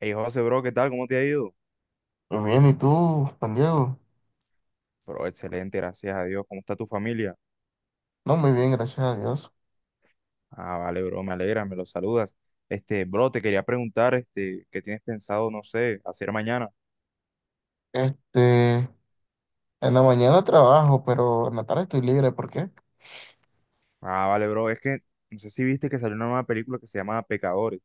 Hey José, bro, ¿qué tal? ¿Cómo te ha ido? Muy bien, ¿y tú, Juan Diego? Bro, excelente, gracias a Dios. ¿Cómo está tu familia? No, muy bien, gracias a Dios. Ah, vale, bro, me alegra, me lo saludas. Bro, te quería preguntar, ¿qué tienes pensado, no sé, hacer mañana? Este, en la mañana trabajo, pero en la tarde estoy libre. ¿Por qué? Ah, vale, bro, es que no sé si viste que salió una nueva película que se llama Pecadores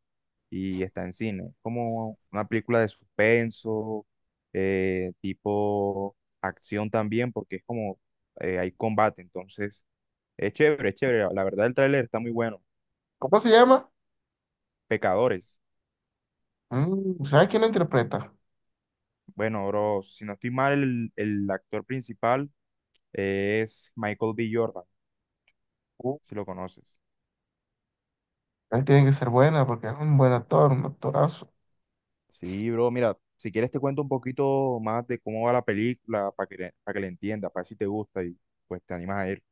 y está en cine. Como una película de suspenso, tipo acción también, porque es como hay combate, entonces es chévere, es chévere. La verdad, el tráiler está muy bueno. ¿Cómo se llama? Pecadores. ¿Sabes quién lo interpreta? Bueno, bro, si no estoy mal, el actor principal es Michael B. Jordan, Uh, si lo conoces. él tiene que ser buena porque es un buen actor, un actorazo. Sí, bro, mira, si quieres te cuento un poquito más de cómo va la película para que la entiendas, para ver si te gusta y pues te animas a ir.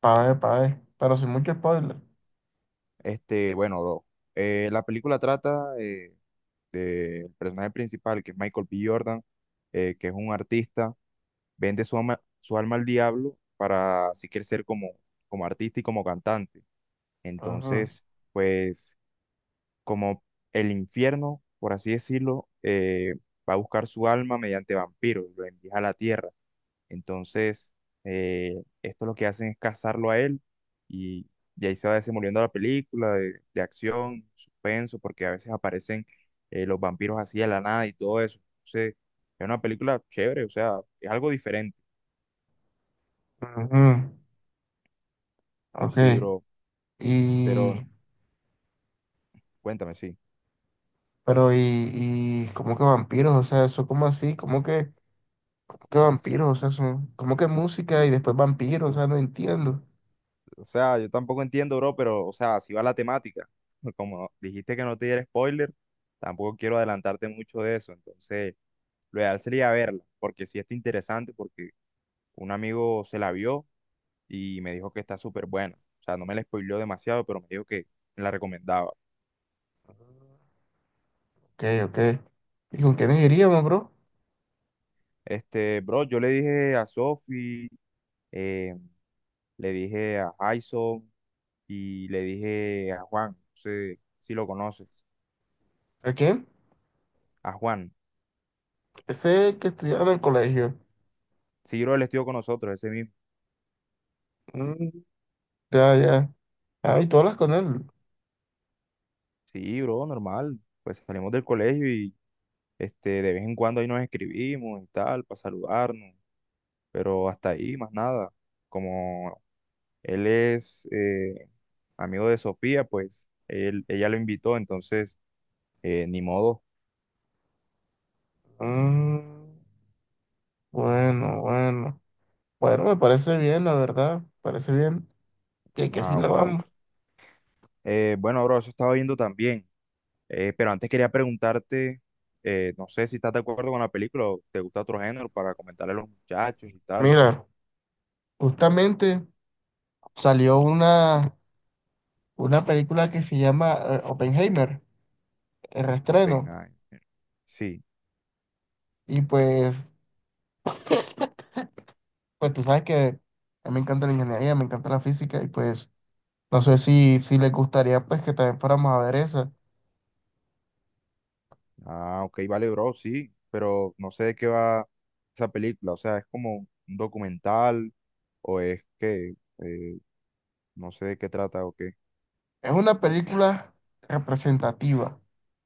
Pa' ver, pero sin mucho spoiler. Bueno, bro, la película trata del personaje principal, que es Michael B. Jordan, que es un artista, vende su alma al diablo para si quiere ser como, como artista y como cantante. Ajá, Entonces, pues como el infierno, por así decirlo, va a buscar su alma mediante vampiros, lo envía a la tierra. Entonces, esto lo que hacen es cazarlo a él y, y ahí se va desenvolviendo la película de acción, suspenso, porque a veces aparecen los vampiros así de la nada y todo eso. Entonces, es una película chévere, o sea, es algo diferente. ajá. Ok. Sí, bro, pero Y, cuéntame, sí. pero, ¿cómo que vampiros? O sea, eso, ¿como así? ¿Cómo que vampiros? O sea, son, ¿cómo que música y después vampiros? O sea, no entiendo. O sea, yo tampoco entiendo, bro, pero, o sea, si va la temática. Como dijiste que no te diera spoiler, tampoco quiero adelantarte mucho de eso. Entonces, lo ideal sería verla, porque sí está interesante, porque un amigo se la vio y me dijo que está súper buena. O sea, no me la spoileó demasiado, pero me dijo que me la recomendaba. Ok, ok. ¿Y con quiénes iríamos, bro? Bro, yo le dije a Sophie, eh, le dije a Jason y le dije a Juan, no sé si lo conoces, ¿A quién? a Juan. Ese que estudiaba en el colegio. Sí, bro, él estuvo con nosotros, ese mismo. Mm, ya, ya. Ah, y tú hablas con él. Sí, bro, normal. Pues salimos del colegio y de vez en cuando ahí nos escribimos y tal, para saludarnos. Pero hasta ahí, más nada. Como él es amigo de Sofía, pues él, ella lo invitó, entonces ni modo. Mm, bueno, bueno. Bueno, me parece bien, la verdad. Parece bien. Que así Ah, lo bueno. vamos. Bueno, bro, eso estaba viendo también. Pero antes quería preguntarte, no sé si estás de acuerdo con la película o te gusta otro género para comentarle a los muchachos y tal. Mira, justamente salió una película que se llama Oppenheimer, el reestreno. Oppenheimer. Sí. Y pues tú sabes que a mí me encanta la ingeniería, me encanta la física. Y pues no sé si les gustaría pues que también fuéramos a ver esa. Ah, ok, vale, bro, sí, pero no sé de qué va esa película, o sea, es como un documental o es que eh, no sé de qué trata o qué. Es una película representativa.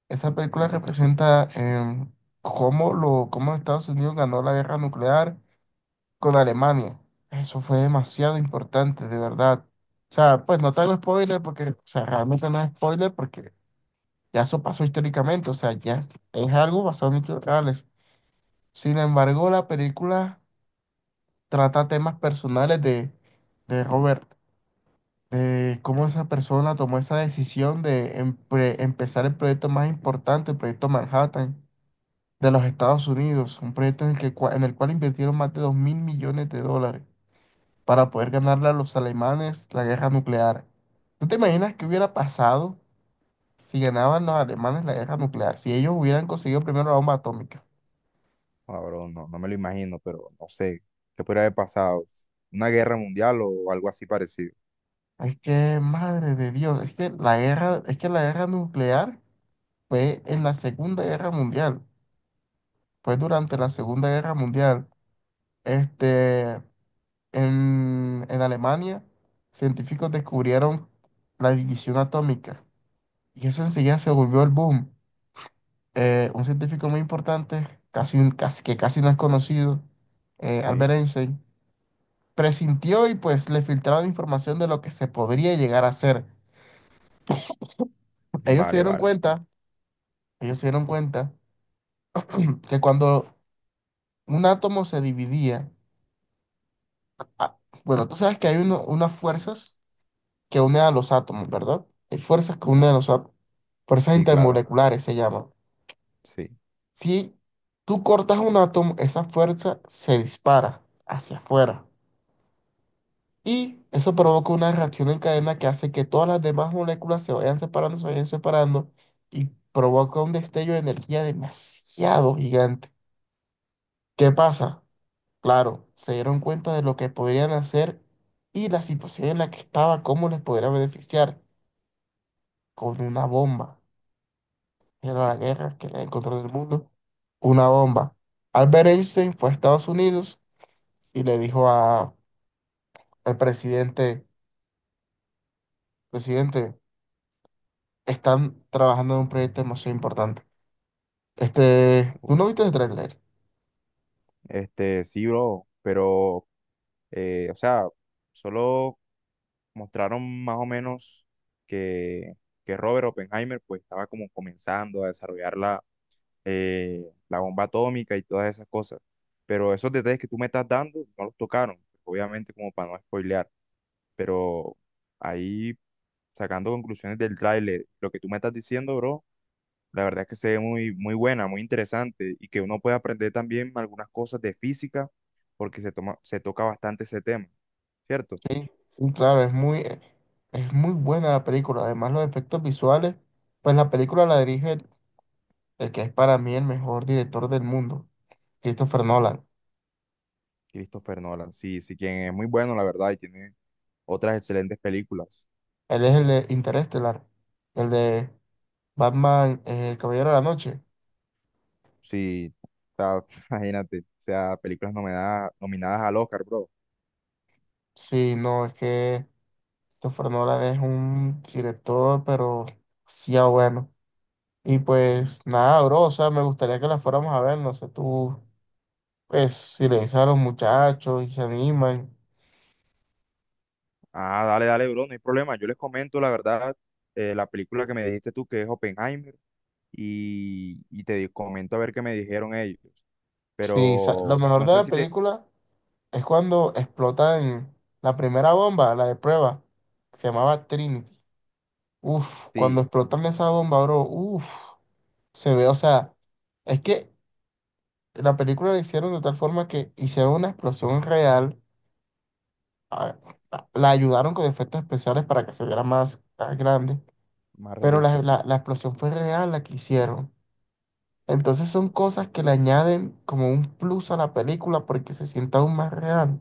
Esa película representa cómo Estados Unidos ganó la guerra nuclear con Alemania. Eso fue demasiado importante, de verdad. O sea, pues no te hago spoiler porque, o sea, realmente no es spoiler porque ya eso pasó históricamente, o sea, ya es algo basado en hechos reales. Sin embargo, la película trata temas personales de Robert. Cómo esa persona tomó esa decisión de empezar el proyecto más importante, el proyecto Manhattan de los Estados Unidos, un proyecto en el cual invirtieron más de 2.000 millones de dólares para poder ganarle a los alemanes la guerra nuclear. ¿Tú te imaginas qué hubiera pasado si ganaban los alemanes la guerra nuclear? Si ellos hubieran conseguido primero la bomba atómica. Ah, bro, no, no me lo imagino, pero no sé, ¿qué podría haber pasado? ¿Una guerra mundial o algo así parecido? Es que, madre de Dios, es que la guerra nuclear fue en la Segunda Guerra Mundial, fue durante la Segunda Guerra Mundial. Este, en Alemania, científicos descubrieron la división atómica y eso enseguida se volvió el boom. Un científico muy importante, casi, casi, que casi no es conocido, Sí, Albert Einstein, presintió y pues le filtraron información de lo que se podría llegar a hacer. Ellos se vale, dieron vale, cuenta, ellos se dieron cuenta que cuando un átomo se dividía, ah, bueno, tú sabes que hay unas fuerzas que une a los átomos, ¿verdad? Hay fuerzas que unen a los átomos, fuerzas sí, claro, intermoleculares se llaman. sí. Si tú cortas un átomo, esa fuerza se dispara hacia afuera y eso provoca una reacción en cadena que hace que todas las demás moléculas se vayan separando y provoca un destello de energía demasiado gigante. ¿Qué pasa? Claro, se dieron cuenta de lo que podrían hacer y la situación en la que estaba, cómo les podría beneficiar con una bomba. De la guerra, que era el control del mundo, una bomba. Albert Einstein fue a Estados Unidos y le dijo al presidente, presidente, están trabajando en un proyecto demasiado importante. ¿Tú no Uf. viste el tráiler? Sí, bro, pero, o sea, solo mostraron más o menos que, que Robert Oppenheimer pues estaba como comenzando a desarrollar la la bomba atómica y todas esas cosas. Pero esos detalles que tú me estás dando no los tocaron, obviamente como para no spoilear, pero ahí sacando conclusiones del tráiler, lo que tú me estás diciendo, bro, la verdad es que se ve muy, muy buena, muy interesante y que uno puede aprender también algunas cosas de física porque se toma, se toca bastante ese tema, ¿cierto? Sí, sí, claro, es muy buena la película. Además, los efectos visuales, pues la película la dirige el que es para mí el mejor director del mundo, Christopher Nolan. Christopher Nolan, sí, sí, quien es muy bueno, la verdad, y tiene otras excelentes películas. Él es el de Interestelar, el de Batman, el Caballero de la Noche. Sí, o sea, imagínate, o sea, películas nominadas, nominadas al Oscar, bro. Sí, no, es que Christopher Nolan es un director, pero sí, ah, bueno. Y pues nada, bro, o sea, me gustaría que la fuéramos a ver, no sé, tú, pues si le dices a los muchachos y se animan. Ah, dale, dale, bro, no hay problema. Yo les comento, la verdad, la película que me dijiste tú, que es Oppenheimer, y, comento a ver qué me dijeron ellos. Sí, lo Pero mejor no de sé la si te... película es cuando explotan la primera bomba, la de prueba, que se llamaba Trinity. Uf, cuando Sí, explotan esa bomba, bro, uf, se ve, o sea, es que la película la hicieron de tal forma que hicieron una explosión real a- la ayudaron con efectos especiales para que se viera más, más grande, más pero realista, la, sí. la- la explosión fue real la que hicieron. Entonces son cosas que le añaden como un plus a la película porque se sienta aún más real.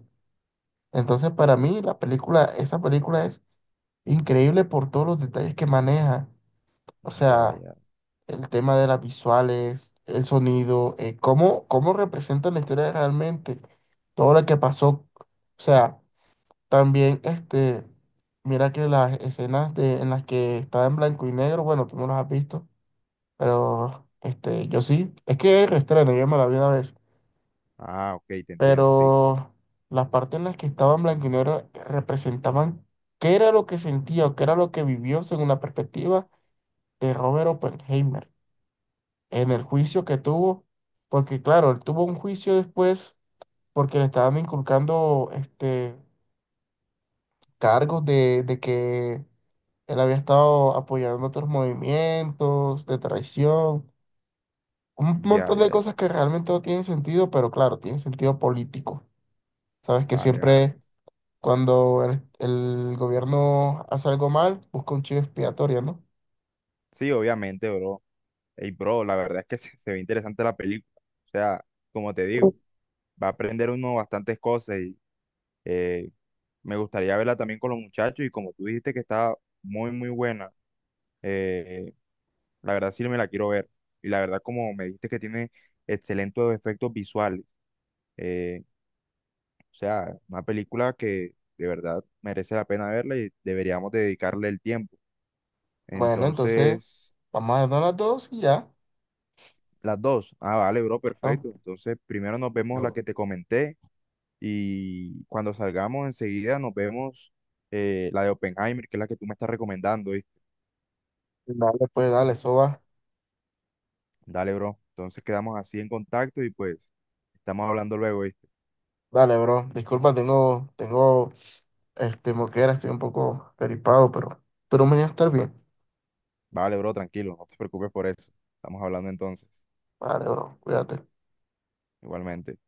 Entonces para mí la película, esa película es increíble por todos los detalles que maneja. O Ya, sea, ya. el tema de las visuales, el sonido, cómo representan la historia realmente, todo lo que pasó. O sea, también, mira que las escenas en las que estaba en blanco y negro, bueno, tú no las has visto, pero yo sí, es que es reestreno, yo me la vi una vez, Ah, ok, te entiendo, sí. pero las partes en las que estaba en blanco y negro representaban qué era lo que sentía o qué era lo que vivió según la perspectiva de Robert Oppenheimer en el juicio que tuvo, porque claro, él tuvo un juicio después porque le estaban inculcando cargos de que él había estado apoyando otros movimientos de traición, un Ya, montón ya, de ya. cosas que realmente no tienen sentido, pero claro, tienen sentido político. Sabes que Vale, vale. siempre cuando el gobierno hace algo mal, busca un chivo expiatorio, ¿no? Sí, obviamente, bro. Ey, bro, la verdad es que se ve interesante la película. O sea, como te digo, va a aprender uno bastantes cosas y... eh, me gustaría verla también con los muchachos y como tú dijiste que está muy, muy buena, eh, la verdad sí me la quiero ver. Y la verdad como me dijiste que tiene excelentes efectos visuales, eh, o sea, una película que de verdad merece la pena verla y deberíamos dedicarle el tiempo. Bueno, entonces Entonces, vamos a darnos las dos y ya. las dos. Ah, vale, bro, ¿No? perfecto. Entonces, primero nos vemos la Yo. que te comenté y cuando salgamos enseguida nos vemos la de Oppenheimer, que es la que tú me estás recomendando. Dale, pues, dale, eso va. Dale, bro. Entonces quedamos así en contacto y pues estamos hablando luego, ¿viste? Dale, bro. Disculpa, tengo, moquera, estoy un poco peripado, pero mañana estar bien. Vale, bro, tranquilo, no te preocupes por eso. Estamos hablando entonces, Vale, bro, cuídate. igualmente.